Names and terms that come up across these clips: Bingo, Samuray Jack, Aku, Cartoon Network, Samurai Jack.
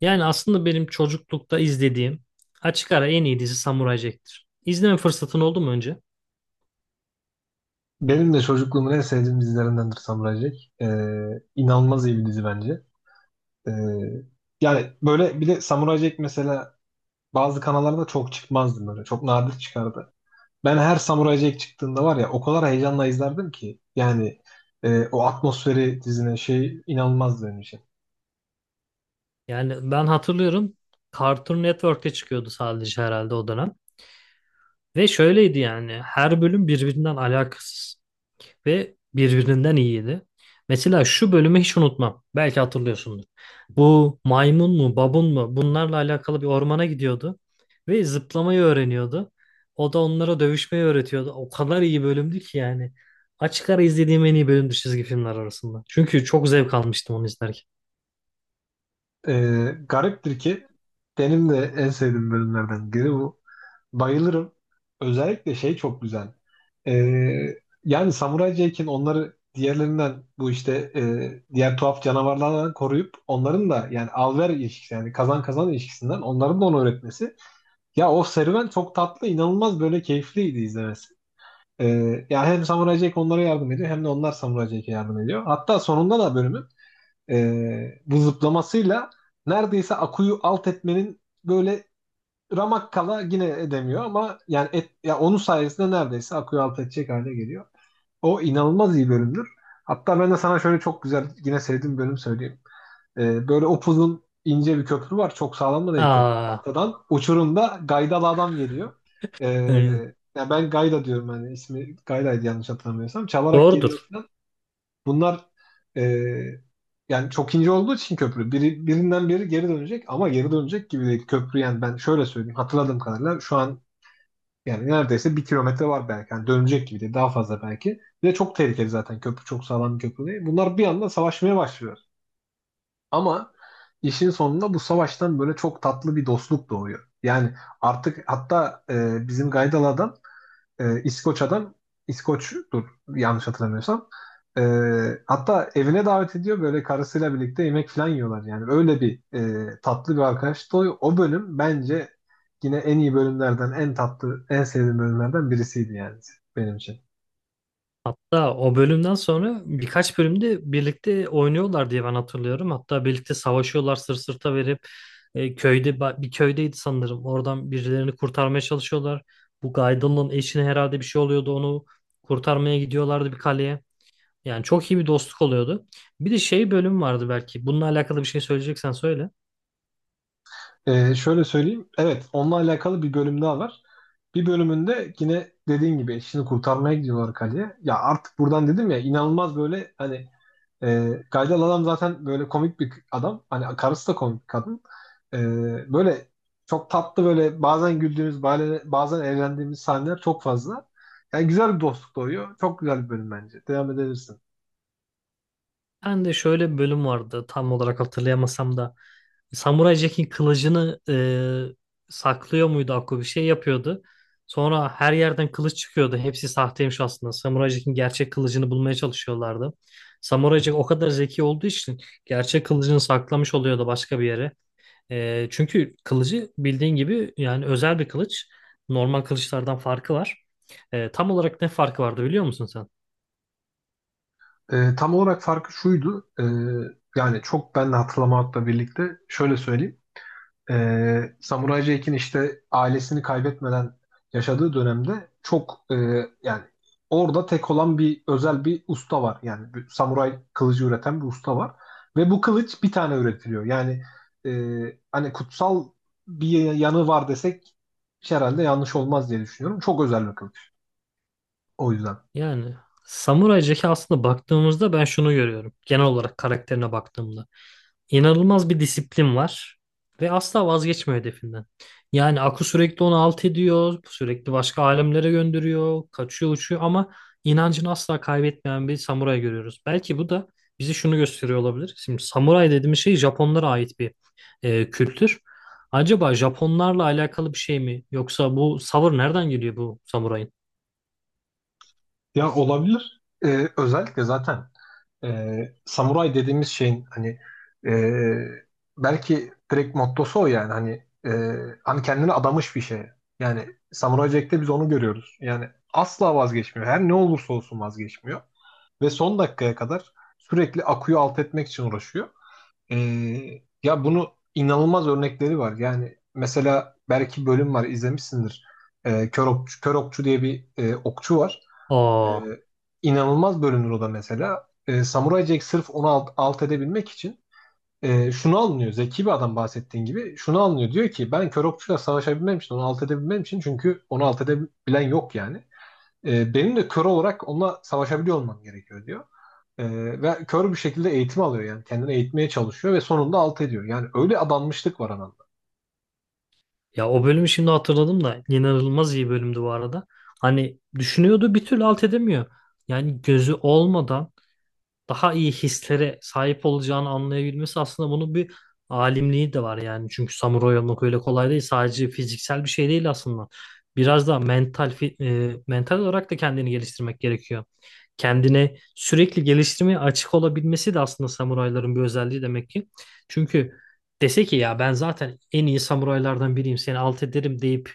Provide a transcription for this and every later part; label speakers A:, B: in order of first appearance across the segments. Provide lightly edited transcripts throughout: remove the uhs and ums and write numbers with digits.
A: Yani aslında benim çocuklukta izlediğim açık ara en iyi dizi Samuray Jack'tir. İzleme fırsatın oldu mu önce?
B: Benim de çocukluğumun en sevdiğim dizilerindendir Samurai Jack. İnanılmaz iyi bir dizi bence. Ee, Yani böyle bir de Samurai Jack mesela bazı kanallarda çok çıkmazdı böyle. Çok nadir çıkardı. Ben her Samurai Jack çıktığında var ya o kadar heyecanla izlerdim ki. Yani o atmosferi dizine şey inanılmazdı benim için.
A: Yani ben hatırlıyorum, Cartoon Network'te çıkıyordu sadece herhalde o dönem. Ve şöyleydi yani, her bölüm birbirinden alakasız ve birbirinden iyiydi. Mesela şu bölümü hiç unutmam. Belki hatırlıyorsundur. Bu maymun mu, babun mu, bunlarla alakalı bir ormana gidiyordu ve zıplamayı öğreniyordu. O da onlara dövüşmeyi öğretiyordu. O kadar iyi bölümdü ki yani. Açık ara izlediğim en iyi bölümdü çizgi filmler arasında. Çünkü çok zevk almıştım onu izlerken.
B: Gariptir ki benim de en sevdiğim bölümlerden biri bu. Bayılırım. Özellikle şey çok güzel. Ee, Yani Samuray Jack'in onları diğerlerinden bu işte diğer tuhaf canavarlardan koruyup onların da yani al-ver ilişkisi yani kazan kazan ilişkisinden onların da onu öğretmesi. Ya o serüven çok tatlı, inanılmaz böyle keyifliydi izlemesi. Ee, Yani hem Samuray Jack onlara yardım ediyor hem de onlar Samuray Jack'e yardım ediyor. Hatta sonunda da bölümün bu zıplamasıyla neredeyse Aku'yu alt etmenin böyle Ramakkala yine edemiyor ama yani et, ya onun sayesinde neredeyse akıyor alt edecek hale geliyor. O inanılmaz iyi bölümdür. Hatta ben de sana şöyle çok güzel yine sevdiğim bölüm söyleyeyim. Böyle upuzun ince bir köprü var. Çok sağlam da değil köprü.
A: Aa,
B: Tahtadan uçurumda gaydalı adam geliyor. Ee,
A: yani
B: Ya ben Gayda diyorum hani ismi Gayda'ydı yanlış hatırlamıyorsam. Çalarak geliyor
A: doğrudur.
B: falan. Bunlar eee, yani çok ince olduğu için köprü biri, birinden biri geri dönecek ama geri dönecek gibi değil. Köprü yani ben şöyle söyleyeyim hatırladığım kadarıyla şu an yani neredeyse bir kilometre var belki. Yani dönecek gibi değil daha fazla belki. Ve çok tehlikeli zaten köprü çok sağlam bir köprü değil. Bunlar bir anda savaşmaya başlıyor. Ama işin sonunda bu savaştan böyle çok tatlı bir dostluk doğuyor. Yani artık hatta bizim Gaydal'dan İskoç adam İskoç'tur yanlış hatırlamıyorsam. E, Hatta evine davet ediyor böyle karısıyla birlikte yemek falan yiyorlar yani. Öyle bir tatlı bir arkadaştı. O bölüm bence yine en iyi bölümlerden, en tatlı, en sevdiğim bölümlerden birisiydi yani benim için.
A: Hatta o bölümden sonra birkaç bölümde birlikte oynuyorlar diye ben hatırlıyorum. Hatta birlikte savaşıyorlar sırt sırta verip köyde bir köydeydi sanırım. Oradan birilerini kurtarmaya çalışıyorlar. Bu Gaidon'un eşine herhalde bir şey oluyordu. Onu kurtarmaya gidiyorlardı bir kaleye. Yani çok iyi bir dostluk oluyordu. Bir de şey bölüm vardı belki. Bununla alakalı bir şey söyleyeceksen söyle.
B: Şöyle söyleyeyim. Evet, onunla alakalı bir bölüm daha var. Bir bölümünde yine dediğin gibi eşini kurtarmaya gidiyorlar kaleye. Ya artık buradan dedim ya inanılmaz böyle hani Gaydel adam zaten böyle komik bir adam. Hani karısı da komik bir kadın. E, Böyle çok tatlı böyle bazen güldüğümüz bazen eğlendiğimiz sahneler çok fazla. Yani güzel bir dostluk doğuyor. Çok güzel bir bölüm bence. Devam edebilirsin.
A: Ben de şöyle bir bölüm vardı, tam olarak hatırlayamasam da Samuray Jack'in kılıcını saklıyor muydu, Akko bir şey yapıyordu. Sonra her yerden kılıç çıkıyordu. Hepsi sahteymiş aslında. Samuray Jack'in gerçek kılıcını bulmaya çalışıyorlardı. Samuray Jack o kadar zeki olduğu için gerçek kılıcını saklamış oluyordu başka bir yere. E, çünkü kılıcı bildiğin gibi yani özel bir kılıç. Normal kılıçlardan farkı var. E, tam olarak ne farkı vardı, biliyor musun sen?
B: Tam olarak farkı şuydu. Yani çok ben de hatırlamakla birlikte şöyle söyleyeyim. Samuray Jack'in işte ailesini kaybetmeden yaşadığı dönemde çok yani orada tek olan bir özel bir usta var. Yani bir samuray kılıcı üreten bir usta var. Ve bu kılıç bir tane üretiliyor. Yani hani kutsal bir yanı var desek herhalde yanlış olmaz diye düşünüyorum. Çok özel bir kılıç. O yüzden.
A: Yani Samuray Jack'e aslında baktığımızda ben şunu görüyorum. Genel olarak karakterine baktığımda, İnanılmaz bir disiplin var ve asla vazgeçmiyor hedefinden. Yani Aku sürekli onu alt ediyor, sürekli başka alemlere gönderiyor, kaçıyor, uçuyor ama inancını asla kaybetmeyen bir samuray görüyoruz. Belki bu da bize şunu gösteriyor olabilir. Şimdi samuray dediğimiz şey Japonlara ait bir kültür. Acaba Japonlarla alakalı bir şey mi? Yoksa bu savır nereden geliyor, bu samurayın?
B: Ya olabilir. E, özellikle zaten. Samuray dediğimiz şeyin hani e, belki direkt mottosu o yani hani hani kendini adamış bir şey. Yani Samuray Jack'te biz onu görüyoruz. Yani asla vazgeçmiyor. Her ne olursa olsun vazgeçmiyor. Ve son dakikaya kadar sürekli akuyu alt etmek için uğraşıyor. Ee, Ya bunu inanılmaz örnekleri var. Yani mesela belki bölüm var izlemişsindir. Kör Okçu, Kör Okçu diye bir okçu var. Ee,
A: Aa,
B: inanılmaz bölünür o da mesela. Samurai Jack sırf onu alt edebilmek için şunu anlıyor. Zeki bir adam bahsettiğin gibi şunu anlıyor. Diyor ki ben kör okçuyla savaşabilmem için, onu alt edebilmem için çünkü onu alt edebilen yok yani. Benim de kör olarak onunla savaşabiliyor olmam gerekiyor diyor. Ve kör bir şekilde eğitim alıyor yani. Kendini eğitmeye çalışıyor ve sonunda alt ediyor. Yani öyle adanmışlık var anlamda.
A: ya o bölümü şimdi hatırladım da inanılmaz iyi bölümdü bu arada. Hani düşünüyordu, bir türlü alt edemiyor. Yani gözü olmadan daha iyi hislere sahip olacağını anlayabilmesi, aslında bunun bir alimliği de var yani. Çünkü samuray olmak öyle kolay değil. Sadece fiziksel bir şey değil aslında. Biraz da mental olarak da kendini geliştirmek gerekiyor. Kendine sürekli geliştirmeye açık olabilmesi de aslında samurayların bir özelliği demek ki. Çünkü dese ki ya ben zaten en iyi samuraylardan biriyim, seni alt ederim deyip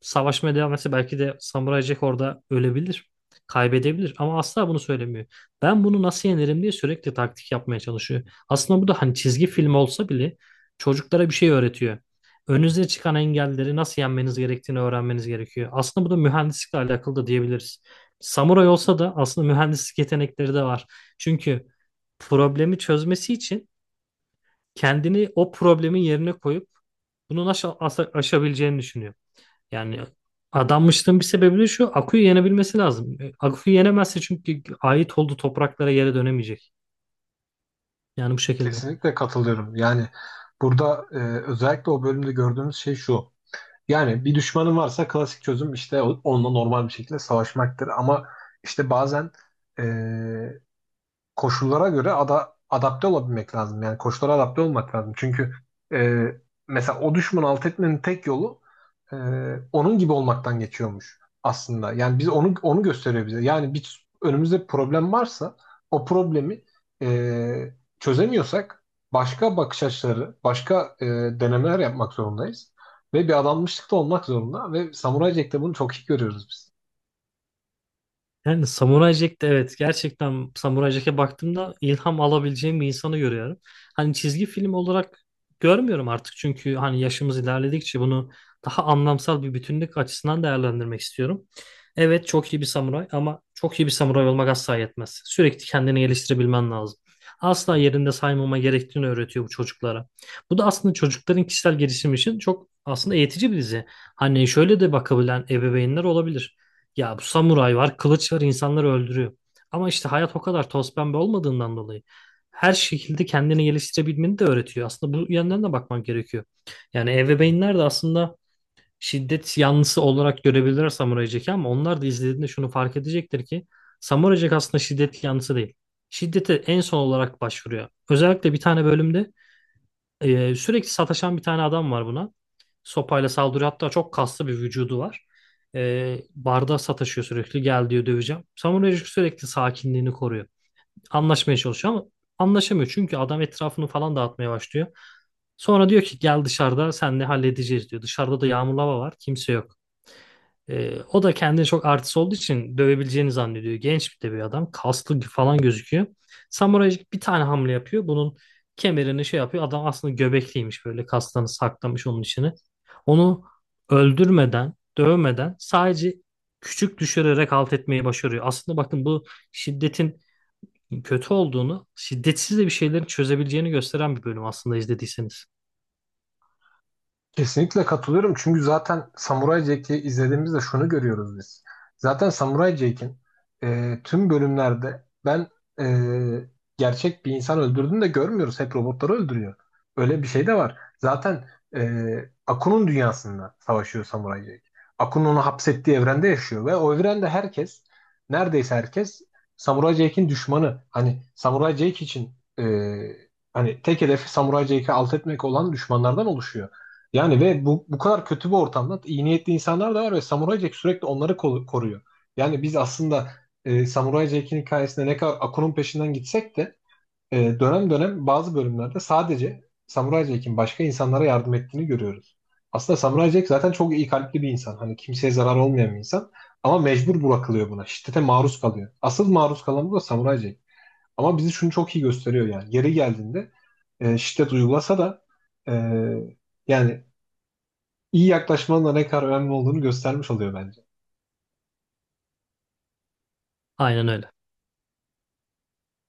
A: savaşmaya devam etse belki de Samuray Jack orada ölebilir, kaybedebilir ama asla bunu söylemiyor. Ben bunu nasıl yenerim diye sürekli taktik yapmaya çalışıyor. Aslında bu da hani çizgi film olsa bile çocuklara bir şey öğretiyor. Önünüze çıkan engelleri nasıl yenmeniz gerektiğini öğrenmeniz gerekiyor. Aslında bu da mühendislikle alakalı da diyebiliriz. Samuray olsa da aslında mühendislik yetenekleri de var. Çünkü problemi çözmesi için kendini o problemin yerine koyup bunu nasıl aşabileceğini düşünüyor. Yani adanmışlığın bir sebebi de şu. Aku'yu yenebilmesi lazım. E, Aku'yu yenemezse çünkü ait olduğu topraklara, yere dönemeyecek. Yani bu şekilde.
B: Kesinlikle katılıyorum. Yani burada özellikle o bölümde gördüğümüz şey şu. Yani bir düşmanın varsa klasik çözüm işte onunla normal bir şekilde savaşmaktır. Ama işte bazen koşullara göre adapte olabilmek lazım. Yani koşullara adapte olmak lazım. Çünkü e, mesela o düşmanı alt etmenin tek yolu e, onun gibi olmaktan geçiyormuş aslında. Yani biz onu gösteriyor bize. Yani bir önümüzde bir problem varsa o problemi e, çözemiyorsak başka bakış açıları, başka denemeler yapmak zorundayız. Ve bir adanmışlıkta olmak zorunda ve Samuray Jack'te bunu çok iyi görüyoruz biz.
A: Yani Samurai Jack'te evet, gerçekten Samurai Jack'e baktığımda ilham alabileceğim bir insanı görüyorum. Hani çizgi film olarak görmüyorum artık, çünkü hani yaşımız ilerledikçe bunu daha anlamsal bir bütünlük açısından değerlendirmek istiyorum. Evet, çok iyi bir samuray ama çok iyi bir samuray olmak asla yetmez. Sürekli kendini geliştirebilmen lazım. Asla yerinde saymama gerektiğini öğretiyor bu çocuklara. Bu da aslında çocukların kişisel gelişimi için çok aslında eğitici bir dizi. Hani şöyle de bakabilen ebeveynler olabilir. Ya bu samuray var, kılıç var, insanları öldürüyor. Ama işte hayat o kadar toz pembe olmadığından dolayı her şekilde kendini geliştirebilmeni de öğretiyor. Aslında bu yönden de bakmak gerekiyor. Yani ebeveynler de aslında şiddet yanlısı olarak görebilirler Samuray Jack'i ama onlar da izlediğinde şunu fark edecektir ki Samuray Jack aslında şiddet yanlısı değil. Şiddete en son olarak başvuruyor. Özellikle bir tane bölümde sürekli sataşan bir tane adam var buna. Sopayla saldırıyor. Hatta çok kaslı bir vücudu var. Barda sataşıyor sürekli. Gel diyor, döveceğim. Samurai sürekli sakinliğini koruyor. Anlaşmaya çalışıyor ama anlaşamıyor. Çünkü adam etrafını falan dağıtmaya başlıyor. Sonra diyor ki gel, dışarıda senle halledeceğiz diyor. Dışarıda da yağmurlu hava var. Kimse yok. O da kendini çok artist olduğu için dövebileceğini zannediyor. Genç bir de bir adam. Kaslı falan gözüküyor. Samuray bir tane hamle yapıyor. Bunun kemerini şey yapıyor. Adam aslında göbekliymiş, böyle kaslarını saklamış onun içine. Onu öldürmeden, dövmeden sadece küçük düşürerek alt etmeyi başarıyor. Aslında bakın bu şiddetin kötü olduğunu, şiddetsiz de bir şeylerin çözebileceğini gösteren bir bölüm aslında, izlediyseniz.
B: Kesinlikle katılıyorum çünkü zaten Samurai Jack'i izlediğimizde şunu görüyoruz biz. Zaten Samurai Jack'in tüm bölümlerde ben e, gerçek bir insan öldürdüğünü de görmüyoruz. Hep robotları öldürüyor. Öyle bir şey de var. Zaten Aku'nun dünyasında savaşıyor Samurai Jack. Aku'nun onu hapsettiği evrende yaşıyor ve o evrende herkes, neredeyse herkes Samurai Jack'in düşmanı. Hani Samurai Jack için e, hani tek hedefi Samurai Jack'i alt etmek olan düşmanlardan oluşuyor. Yani ve bu kadar kötü bir ortamda iyi niyetli insanlar da var ve Samuray Jack sürekli onları koruyor. Yani biz aslında Samuray Jack'in hikayesinde ne kadar Akun'un peşinden gitsek de dönem dönem bazı bölümlerde sadece Samuray Jack'in başka insanlara yardım ettiğini görüyoruz. Aslında Samuray Jack zaten çok iyi kalpli bir insan. Hani kimseye zarar olmayan bir insan. Ama mecbur bırakılıyor buna. Şiddete maruz kalıyor. Asıl maruz kalan bu da Samuray Jack. Ama bizi şunu çok iyi gösteriyor yani. Yeri geldiğinde şiddet uygulasa da e, yani iyi yaklaşmanın da ne kadar önemli olduğunu göstermiş oluyor bence.
A: Aynen öyle.